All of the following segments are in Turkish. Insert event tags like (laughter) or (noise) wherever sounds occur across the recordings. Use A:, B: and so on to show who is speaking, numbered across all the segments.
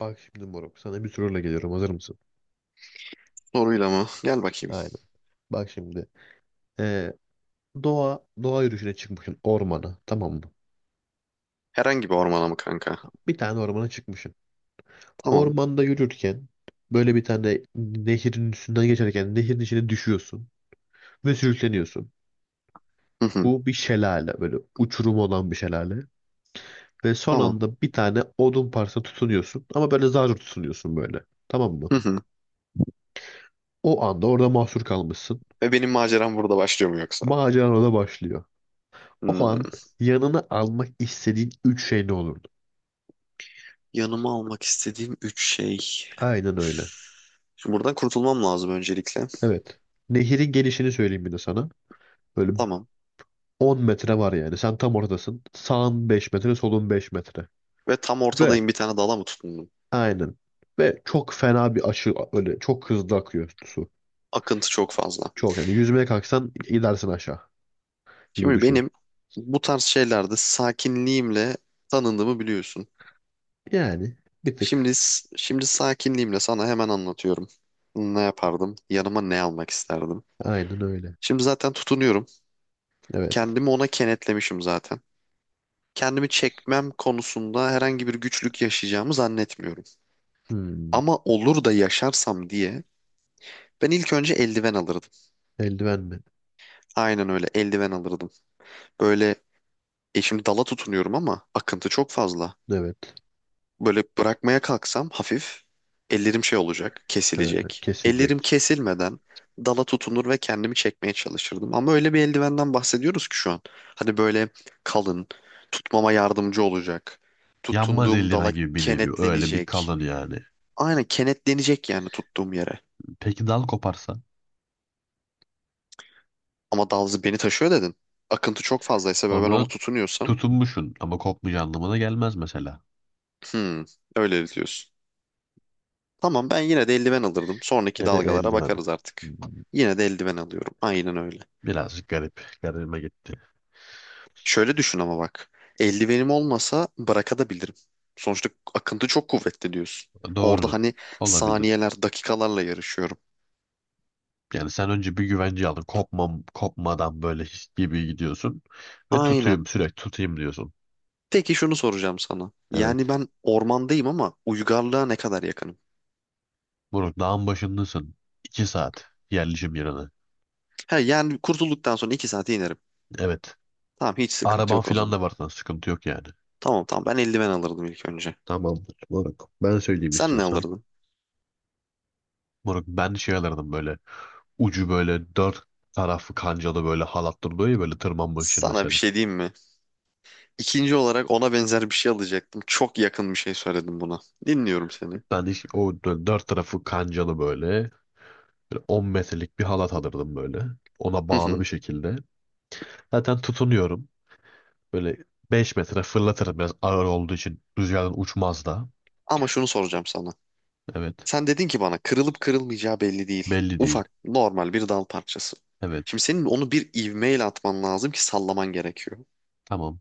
A: Bak şimdi moruk sana bir soruyla geliyorum, hazır mısın?
B: Soruyla mı? Gel bakayım.
A: Aynen. Bak şimdi ee, doğa yürüyüşüne çıkmışsın ormana, tamam mı?
B: Herhangi bir ormana mı kanka?
A: Bir tane ormana çıkmışsın.
B: Tamam.
A: Ormanda yürürken böyle bir tane nehirin üstünden geçerken nehirin içine düşüyorsun ve sürükleniyorsun.
B: Hı hı.
A: Bu bir şelale, böyle uçurum olan bir şelale. Ve son
B: Tamam.
A: anda bir tane odun parçasına tutunuyorsun ama böyle zar zor tutunuyorsun böyle, tamam mı?
B: Hı hı.
A: O anda orada mahsur kalmışsın.
B: Ve benim maceram burada başlıyor mu yoksa?
A: Maceran orada başlıyor. O an
B: Hmm.
A: yanına almak istediğin üç şey ne olurdu?
B: Yanıma almak istediğim üç şey.
A: Aynen öyle.
B: Şimdi buradan kurtulmam lazım öncelikle.
A: Evet. Nehirin gelişini söyleyeyim bir de sana. Böyle
B: Tamam.
A: 10 metre var yani. Sen tam ortadasın. Sağın 5 metre, solun 5 metre.
B: Ve tam
A: Ve
B: ortadayım bir tane dala mı tutundum?
A: aynen. Ve çok fena bir aşı, öyle çok hızlı akıyor su.
B: Akıntı çok fazla.
A: Çok, yani yüzmeye kalksan gidersin aşağı gibi
B: Şimdi
A: düşün.
B: benim bu tarz şeylerde sakinliğimle tanındığımı biliyorsun.
A: Yani bir tık
B: Şimdi şimdi sakinliğimle sana hemen anlatıyorum. Ne yapardım? Yanıma ne almak isterdim?
A: aynen öyle.
B: Şimdi zaten tutunuyorum.
A: Evet.
B: Kendimi ona kenetlemişim zaten. Kendimi çekmem konusunda herhangi bir güçlük yaşayacağımı zannetmiyorum.
A: Hmm.
B: Ama olur da yaşarsam diye ben ilk önce eldiven alırdım.
A: Eldiven mi?
B: Aynen öyle eldiven alırdım. Böyle şimdi dala tutunuyorum ama akıntı çok fazla.
A: Evet.
B: Böyle bırakmaya kalksam hafif ellerim şey olacak,
A: Ha,
B: kesilecek.
A: kesilecek.
B: Ellerim kesilmeden dala tutunur ve kendimi çekmeye çalışırdım. Ama öyle bir eldivenden bahsediyoruz ki şu an. Hani böyle kalın, tutmama yardımcı olacak.
A: Yanmaz
B: Tutunduğum dala
A: eldiven gibi bir nevi. Öyle bir
B: kenetlenecek.
A: kalın yani.
B: Aynen kenetlenecek yani tuttuğum yere.
A: Peki dal koparsa?
B: Ama dal beni taşıyor dedin. Akıntı çok fazlaysa ve ben ona
A: Onu
B: tutunuyorsam,
A: tutunmuşsun ama kopmayacağı anlamına gelmez mesela.
B: hmm, öyle diyorsun. Tamam ben yine de eldiven alırdım. Sonraki
A: Ya da
B: dalgalara
A: eldiven.
B: bakarız artık.
A: Hmm.
B: Yine de eldiven alıyorum. Aynen öyle.
A: Birazcık garip. Garibime gitti.
B: Şöyle düşün ama bak. Eldivenim olmasa bırakabilirim. Sonuçta akıntı çok kuvvetli diyorsun. Orada
A: Doğru.
B: hani
A: Olabilir.
B: saniyeler, dakikalarla yarışıyorum.
A: Yani sen önce bir güvence aldın. Kopmam, kopmadan böyle his gibi gidiyorsun. Ve
B: Aynen.
A: tutayım sürekli tutayım diyorsun.
B: Peki şunu soracağım sana.
A: Evet.
B: Yani ben ormandayım ama uygarlığa ne kadar yakınım?
A: Burak, dağın başındasın. 2 saat yerleşim yerine.
B: He, yani kurtulduktan sonra 2 saate inerim.
A: Evet.
B: Tamam hiç sıkıntı
A: Araban
B: yok o
A: filan
B: zaman.
A: da var sana. Sıkıntı yok yani.
B: Tamam tamam ben eldiven alırdım ilk önce.
A: Tamamdır Burak. Ben söyleyeyim
B: Sen ne
A: istiyorsan.
B: alırdın?
A: Burak, ben şey alırdım böyle. Ucu böyle dört tarafı kancalı böyle halat duruyor ya, böyle tırmanmak için
B: Sana bir
A: mesela.
B: şey diyeyim mi? İkinci olarak ona benzer bir şey alacaktım. Çok yakın bir şey söyledim buna. Dinliyorum seni.
A: Ben hiç o dört tarafı kancalı böyle, böyle 10 metrelik bir halat alırdım böyle. Ona
B: Hı
A: bağlı bir
B: hı.
A: şekilde. Zaten tutunuyorum. Böyle 5 metre fırlatırım biraz ağır olduğu için. Rüzgardan uçmaz da.
B: Ama şunu soracağım sana.
A: Evet.
B: Sen dedin ki bana kırılıp kırılmayacağı belli değil.
A: Belli değil.
B: Ufak, normal bir dal parçası.
A: Evet.
B: Şimdi senin onu bir ivmeyle atman lazım ki sallaman gerekiyor.
A: Tamam.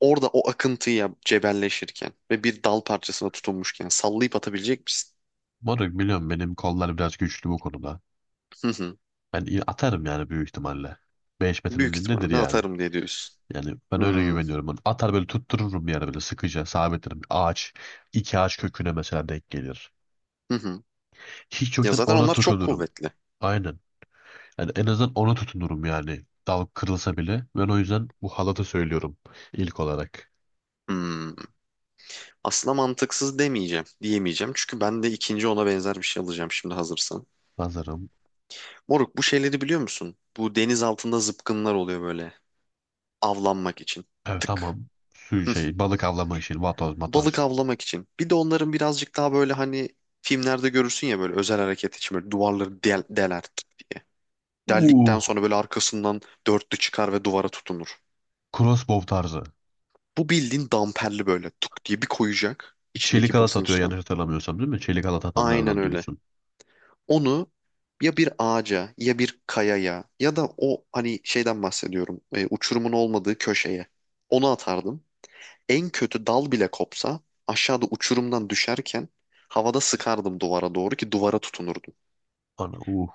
B: Orada o akıntıya cebelleşirken ve bir dal parçasına tutunmuşken sallayıp atabilecek misin?
A: Moruk biliyorum benim kollar biraz güçlü bu konuda.
B: Hı hı.
A: Ben atarım yani büyük ihtimalle. 5 metre
B: Büyük
A: dediğim nedir
B: ihtimalle
A: yani?
B: atarım diye diyorsun.
A: Yani ben öyle
B: Hmm,
A: güveniyorum. Ben atar böyle tuttururum bir yere, böyle sıkıca sabitlerim. Ağaç, iki ağaç köküne mesela denk gelir.
B: Hı hı.
A: Hiç
B: Ya
A: yoktan
B: zaten
A: ona
B: onlar çok
A: tutunurum.
B: kuvvetli.
A: Aynen. Yani en azından ona tutunurum yani. Dal kırılsa bile. Ben o yüzden bu halatı söylüyorum ilk olarak.
B: Hmm. Aslında mantıksız demeyeceğim, diyemeyeceğim. Çünkü ben de ikinci ona benzer bir şey alacağım şimdi hazırsan.
A: Nazarım.
B: Moruk bu şeyleri biliyor musun? Bu deniz altında zıpkınlar oluyor böyle. Avlanmak için.
A: Evet,
B: Tık.
A: tamam. Su
B: Hı.
A: şey balık avlama işi. Vatoz
B: Balık
A: matoz.
B: avlamak için. Bir de onların birazcık daha böyle hani filmlerde görürsün ya böyle özel hareket için böyle duvarları deler.
A: Uh.
B: Deldikten sonra böyle arkasından dörtlü çıkar ve duvara tutunur.
A: Crossbow tarzı.
B: Bu bildiğin damperli böyle tuk diye bir koyacak
A: Çelik
B: içindeki
A: halat atıyor,
B: basınçla.
A: yanlış hatırlamıyorsam değil mi? Çelik halat
B: Aynen
A: atanlardan
B: öyle.
A: diyorsun.
B: Onu ya bir ağaca ya bir kayaya ya da o hani şeyden bahsediyorum uçurumun olmadığı köşeye onu atardım. En kötü dal bile kopsa aşağıda uçurumdan düşerken havada sıkardım duvara doğru ki duvara tutunurdum.
A: Ana.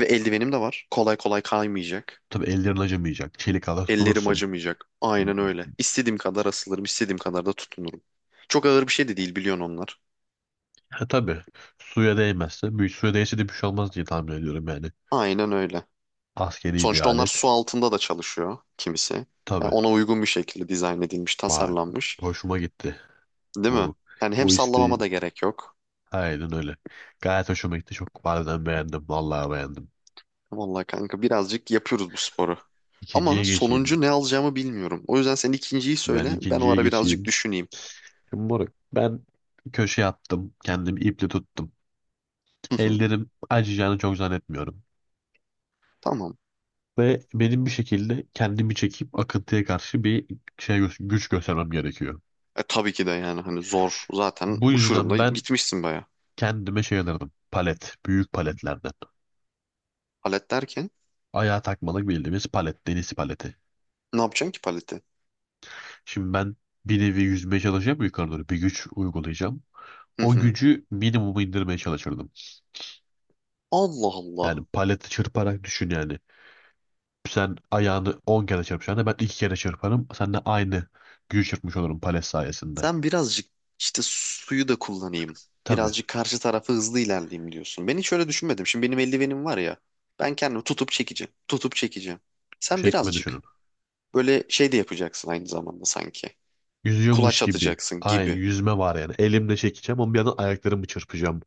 B: Ve eldivenim de var. Kolay kolay kaymayacak.
A: Tabii ellerin acımayacak. Çelik halat
B: Ellerim
A: tutunursun.
B: acımayacak.
A: Hmm.
B: Aynen öyle. İstediğim kadar asılırım, istediğim kadar da tutunurum. Çok ağır bir şey de değil biliyorsun onlar.
A: Ha, tabii. Suya değmezse. Büyük suya değse de bir şey olmaz diye tahmin ediyorum yani.
B: Aynen öyle.
A: Askeri bir
B: Sonuçta onlar
A: alet.
B: su altında da çalışıyor kimisi. Yani
A: Tabii.
B: ona uygun bir şekilde dizayn edilmiş,
A: Bak,
B: tasarlanmış.
A: hoşuma gitti.
B: Değil mi?
A: Bu
B: Yani hem
A: bu
B: sallamama
A: isteğin.
B: da gerek yok.
A: Aynen öyle. Gayet hoşuma gitti. Çok harbiden beğendim. Vallahi beğendim.
B: Vallahi kanka birazcık yapıyoruz bu sporu. Ama
A: İkinciye geçeyim.
B: sonuncu ne alacağımı bilmiyorum. O yüzden sen ikinciyi
A: Ben
B: söyle. Ben o
A: ikinciye
B: ara birazcık
A: geçeyim.
B: düşüneyim.
A: Şimdi moruk, ben köşeye attım. Kendimi iple tuttum.
B: Hı hı,
A: Ellerim acıyacağını çok zannetmiyorum.
B: Tamam.
A: Ve benim bir şekilde kendimi çekip akıntıya karşı bir şey güç göstermem gerekiyor.
B: E tabii ki de yani hani zor. Zaten
A: Bu yüzden
B: uçurumda
A: ben
B: gitmişsin baya.
A: kendime şey alırdım. Palet. Büyük paletlerden.
B: Palet derken
A: Ayağa takmalık bildiğimiz palet. Deniz paleti.
B: ne yapacaksın ki paleti?
A: Şimdi ben bir nevi yüzmeye çalışacağım yukarı doğru. Bir güç uygulayacağım.
B: Hı
A: O
B: hı.
A: gücü minimuma indirmeye çalışırdım.
B: Allah Allah.
A: Yani paleti çırparak düşün yani. Sen ayağını 10 kere çırpacağına ben 2 kere çırparım. Sen de aynı gücü çırpmış olurum palet sayesinde.
B: Sen birazcık işte suyu da kullanayım.
A: Tabii.
B: Birazcık karşı tarafa hızlı ilerleyeyim diyorsun. Ben hiç öyle düşünmedim. Şimdi benim eldivenim var ya. Ben kendimi tutup çekeceğim. Tutup çekeceğim. Sen
A: Çekme düşünün.
B: birazcık böyle şey de yapacaksın aynı zamanda sanki.
A: Yüzüyormuş
B: Kulaç
A: gibi.
B: atacaksın
A: Ay,
B: gibi.
A: yüzme var yani. Elimle çekeceğim ama bir yandan ayaklarımı çırpacağım.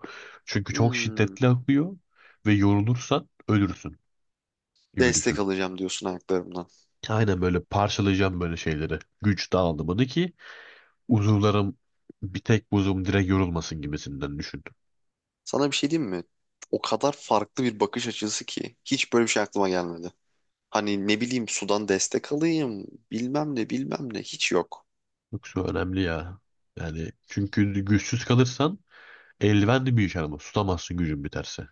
A: Çünkü çok
B: Hmm,
A: şiddetli akıyor ve yorulursan ölürsün. Gibi
B: destek
A: düşün.
B: alacağım diyorsun ayaklarımdan.
A: Aynen böyle parçalayacağım böyle şeyleri. Güç dağılımını, ki uzuvlarım bir tek buzum direkt yorulmasın gibisinden düşün.
B: Sana bir şey diyeyim mi? O kadar farklı bir bakış açısı ki hiç böyle bir şey aklıma gelmedi. Hani ne bileyim sudan destek alayım, bilmem ne bilmem ne hiç yok.
A: Yoksa önemli ya. Yani çünkü güçsüz kalırsan eldiven de bir iş yaramaz. Tutamazsın gücün biterse.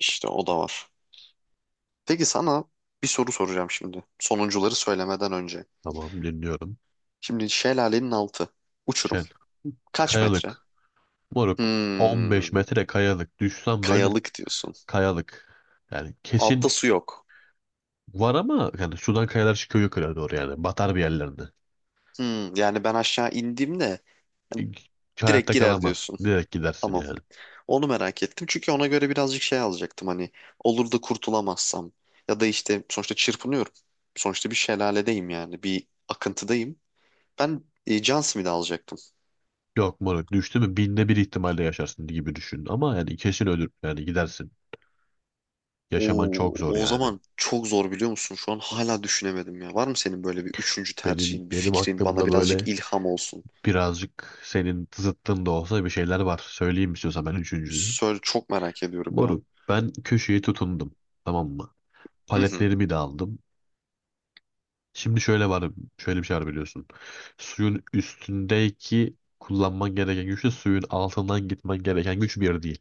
B: İşte o da var. Peki sana bir soru soracağım şimdi. Sonuncuları söylemeden önce.
A: Tamam, dinliyorum.
B: Şimdi şelalenin altı. Uçurum.
A: Şey,
B: Kaç metre?
A: kayalık. Moruk, 15
B: Hmm,
A: metre kayalık. Düşsen böyle
B: kayalık diyorsun.
A: kayalık. Yani
B: Altta
A: kesin
B: su yok.
A: var ama yani sudan kayalar çıkıyor yukarı doğru yani. Batar bir yerlerine.
B: Yani ben aşağı indiğimde
A: Hiç
B: direkt
A: hayatta
B: girer
A: kalamaz.
B: diyorsun.
A: Direkt gidersin
B: Tamam.
A: yani.
B: Onu merak ettim. Çünkü ona göre birazcık şey alacaktım hani olur da kurtulamazsam ya da işte sonuçta çırpınıyorum. Sonuçta bir şelaledeyim yani bir akıntıdayım. Ben John Smith'i alacaktım.
A: Yok moruk, düştü mü binde bir ihtimalle yaşarsın gibi düşün. Ama yani kesin ölür yani gidersin. Yaşaman
B: Oo,
A: çok zor
B: o
A: yani.
B: zaman çok zor biliyor musun? Şu an hala düşünemedim ya. Var mı senin böyle bir üçüncü
A: Benim
B: tercihin, bir
A: benim
B: fikrin bana
A: aklımda
B: birazcık
A: böyle
B: ilham olsun?
A: birazcık senin zıttın da olsa bir şeyler var. Söyleyeyim istiyorsan, ben üçüncüyü.
B: Söyle çok merak ediyorum ya.
A: Moruk ben köşeye tutundum, tamam mı?
B: Hı hı.
A: Paletlerimi de aldım. Şimdi şöyle bir şey var biliyorsun. Suyun üstündeki kullanman gereken güçle suyun altından gitmen gereken güç bir değil.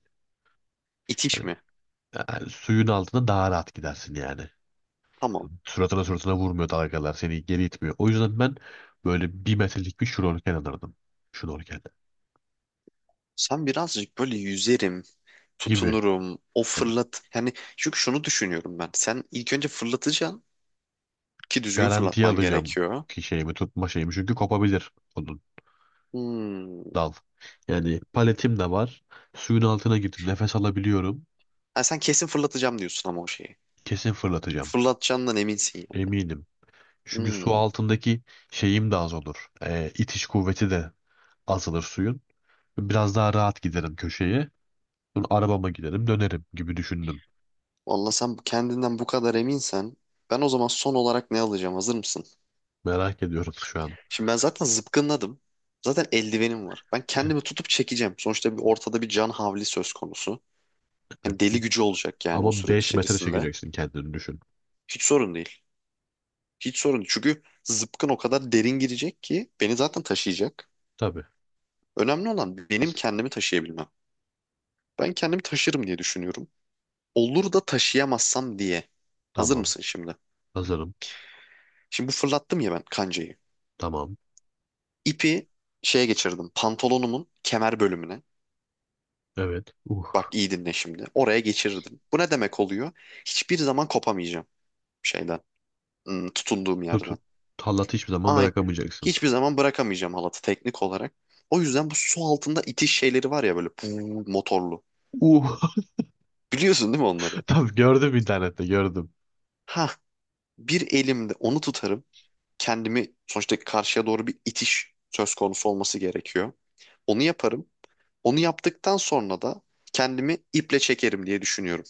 B: İtiş
A: Yani,
B: mi?
A: yani suyun altında daha rahat gidersin yani.
B: Tamam.
A: Suratına suratına vurmuyor dalgalar. Seni geri itmiyor. O yüzden ben böyle 1 metrelik bir şnorkel alırdım. Şnorkel
B: Sen birazcık böyle yüzerim,
A: gibi.
B: tutunurum, o
A: Yani
B: fırlat. Yani çünkü şunu düşünüyorum ben. Sen ilk önce fırlatacaksın. Ki düzgün
A: garantiye
B: fırlatman
A: alacağım
B: gerekiyor.
A: ki şeyimi tutma şeyimi. Çünkü kopabilir onun
B: Hmm.
A: dal. Yani paletim de var. Suyun altına girdim. Nefes alabiliyorum.
B: Ha, sen kesin fırlatacağım diyorsun ama o şeyi.
A: Kesin fırlatacağım.
B: Fırlatacağından eminsin ya.
A: Eminim. Çünkü su
B: Hmm.
A: altındaki şeyim de az olur. İtiş kuvveti de azalır suyun. Biraz daha rahat giderim köşeye. Sonra arabama giderim dönerim gibi düşündüm.
B: Vallahi sen kendinden bu kadar eminsen ben o zaman son olarak ne alacağım? Hazır mısın?
A: Merak ediyorum şu an.
B: Şimdi ben zaten zıpkınladım. Zaten eldivenim var. Ben kendimi tutup çekeceğim. Sonuçta bir ortada bir can havli söz konusu. Yani
A: (laughs)
B: deli gücü olacak yani o
A: Ama
B: süreç
A: 5 metre
B: içerisinde.
A: çekeceksin kendini düşün.
B: Hiç sorun değil. Hiç sorun değil. Çünkü zıpkın o kadar derin girecek ki beni zaten taşıyacak.
A: Tabii.
B: Önemli olan benim kendimi taşıyabilmem. Ben kendimi taşırım diye düşünüyorum. Olur da taşıyamazsam diye. Hazır
A: Tamam.
B: mısın şimdi?
A: Hazırım.
B: Şimdi bu fırlattım ya ben kancayı.
A: Tamam.
B: İpi şeye geçirdim. Pantolonumun kemer bölümüne.
A: Evet.
B: Bak iyi dinle şimdi. Oraya geçirdim. Bu ne demek oluyor? Hiçbir zaman kopamayacağım şeyden. Tutunduğum yerden.
A: Tut. Tallatı hiçbir zaman
B: Ay,
A: bırakamayacaksın.
B: hiçbir zaman bırakamayacağım halatı teknik olarak. O yüzden bu su altında itiş şeyleri var ya böyle puu, motorlu.
A: Uh.
B: Biliyorsun değil mi onları?
A: (laughs) Tabii gördüm, internette gördüm.
B: Ha, bir elimde onu tutarım. Kendimi sonuçta karşıya doğru bir itiş söz konusu olması gerekiyor. Onu yaparım. Onu yaptıktan sonra da kendimi iple çekerim diye düşünüyorum.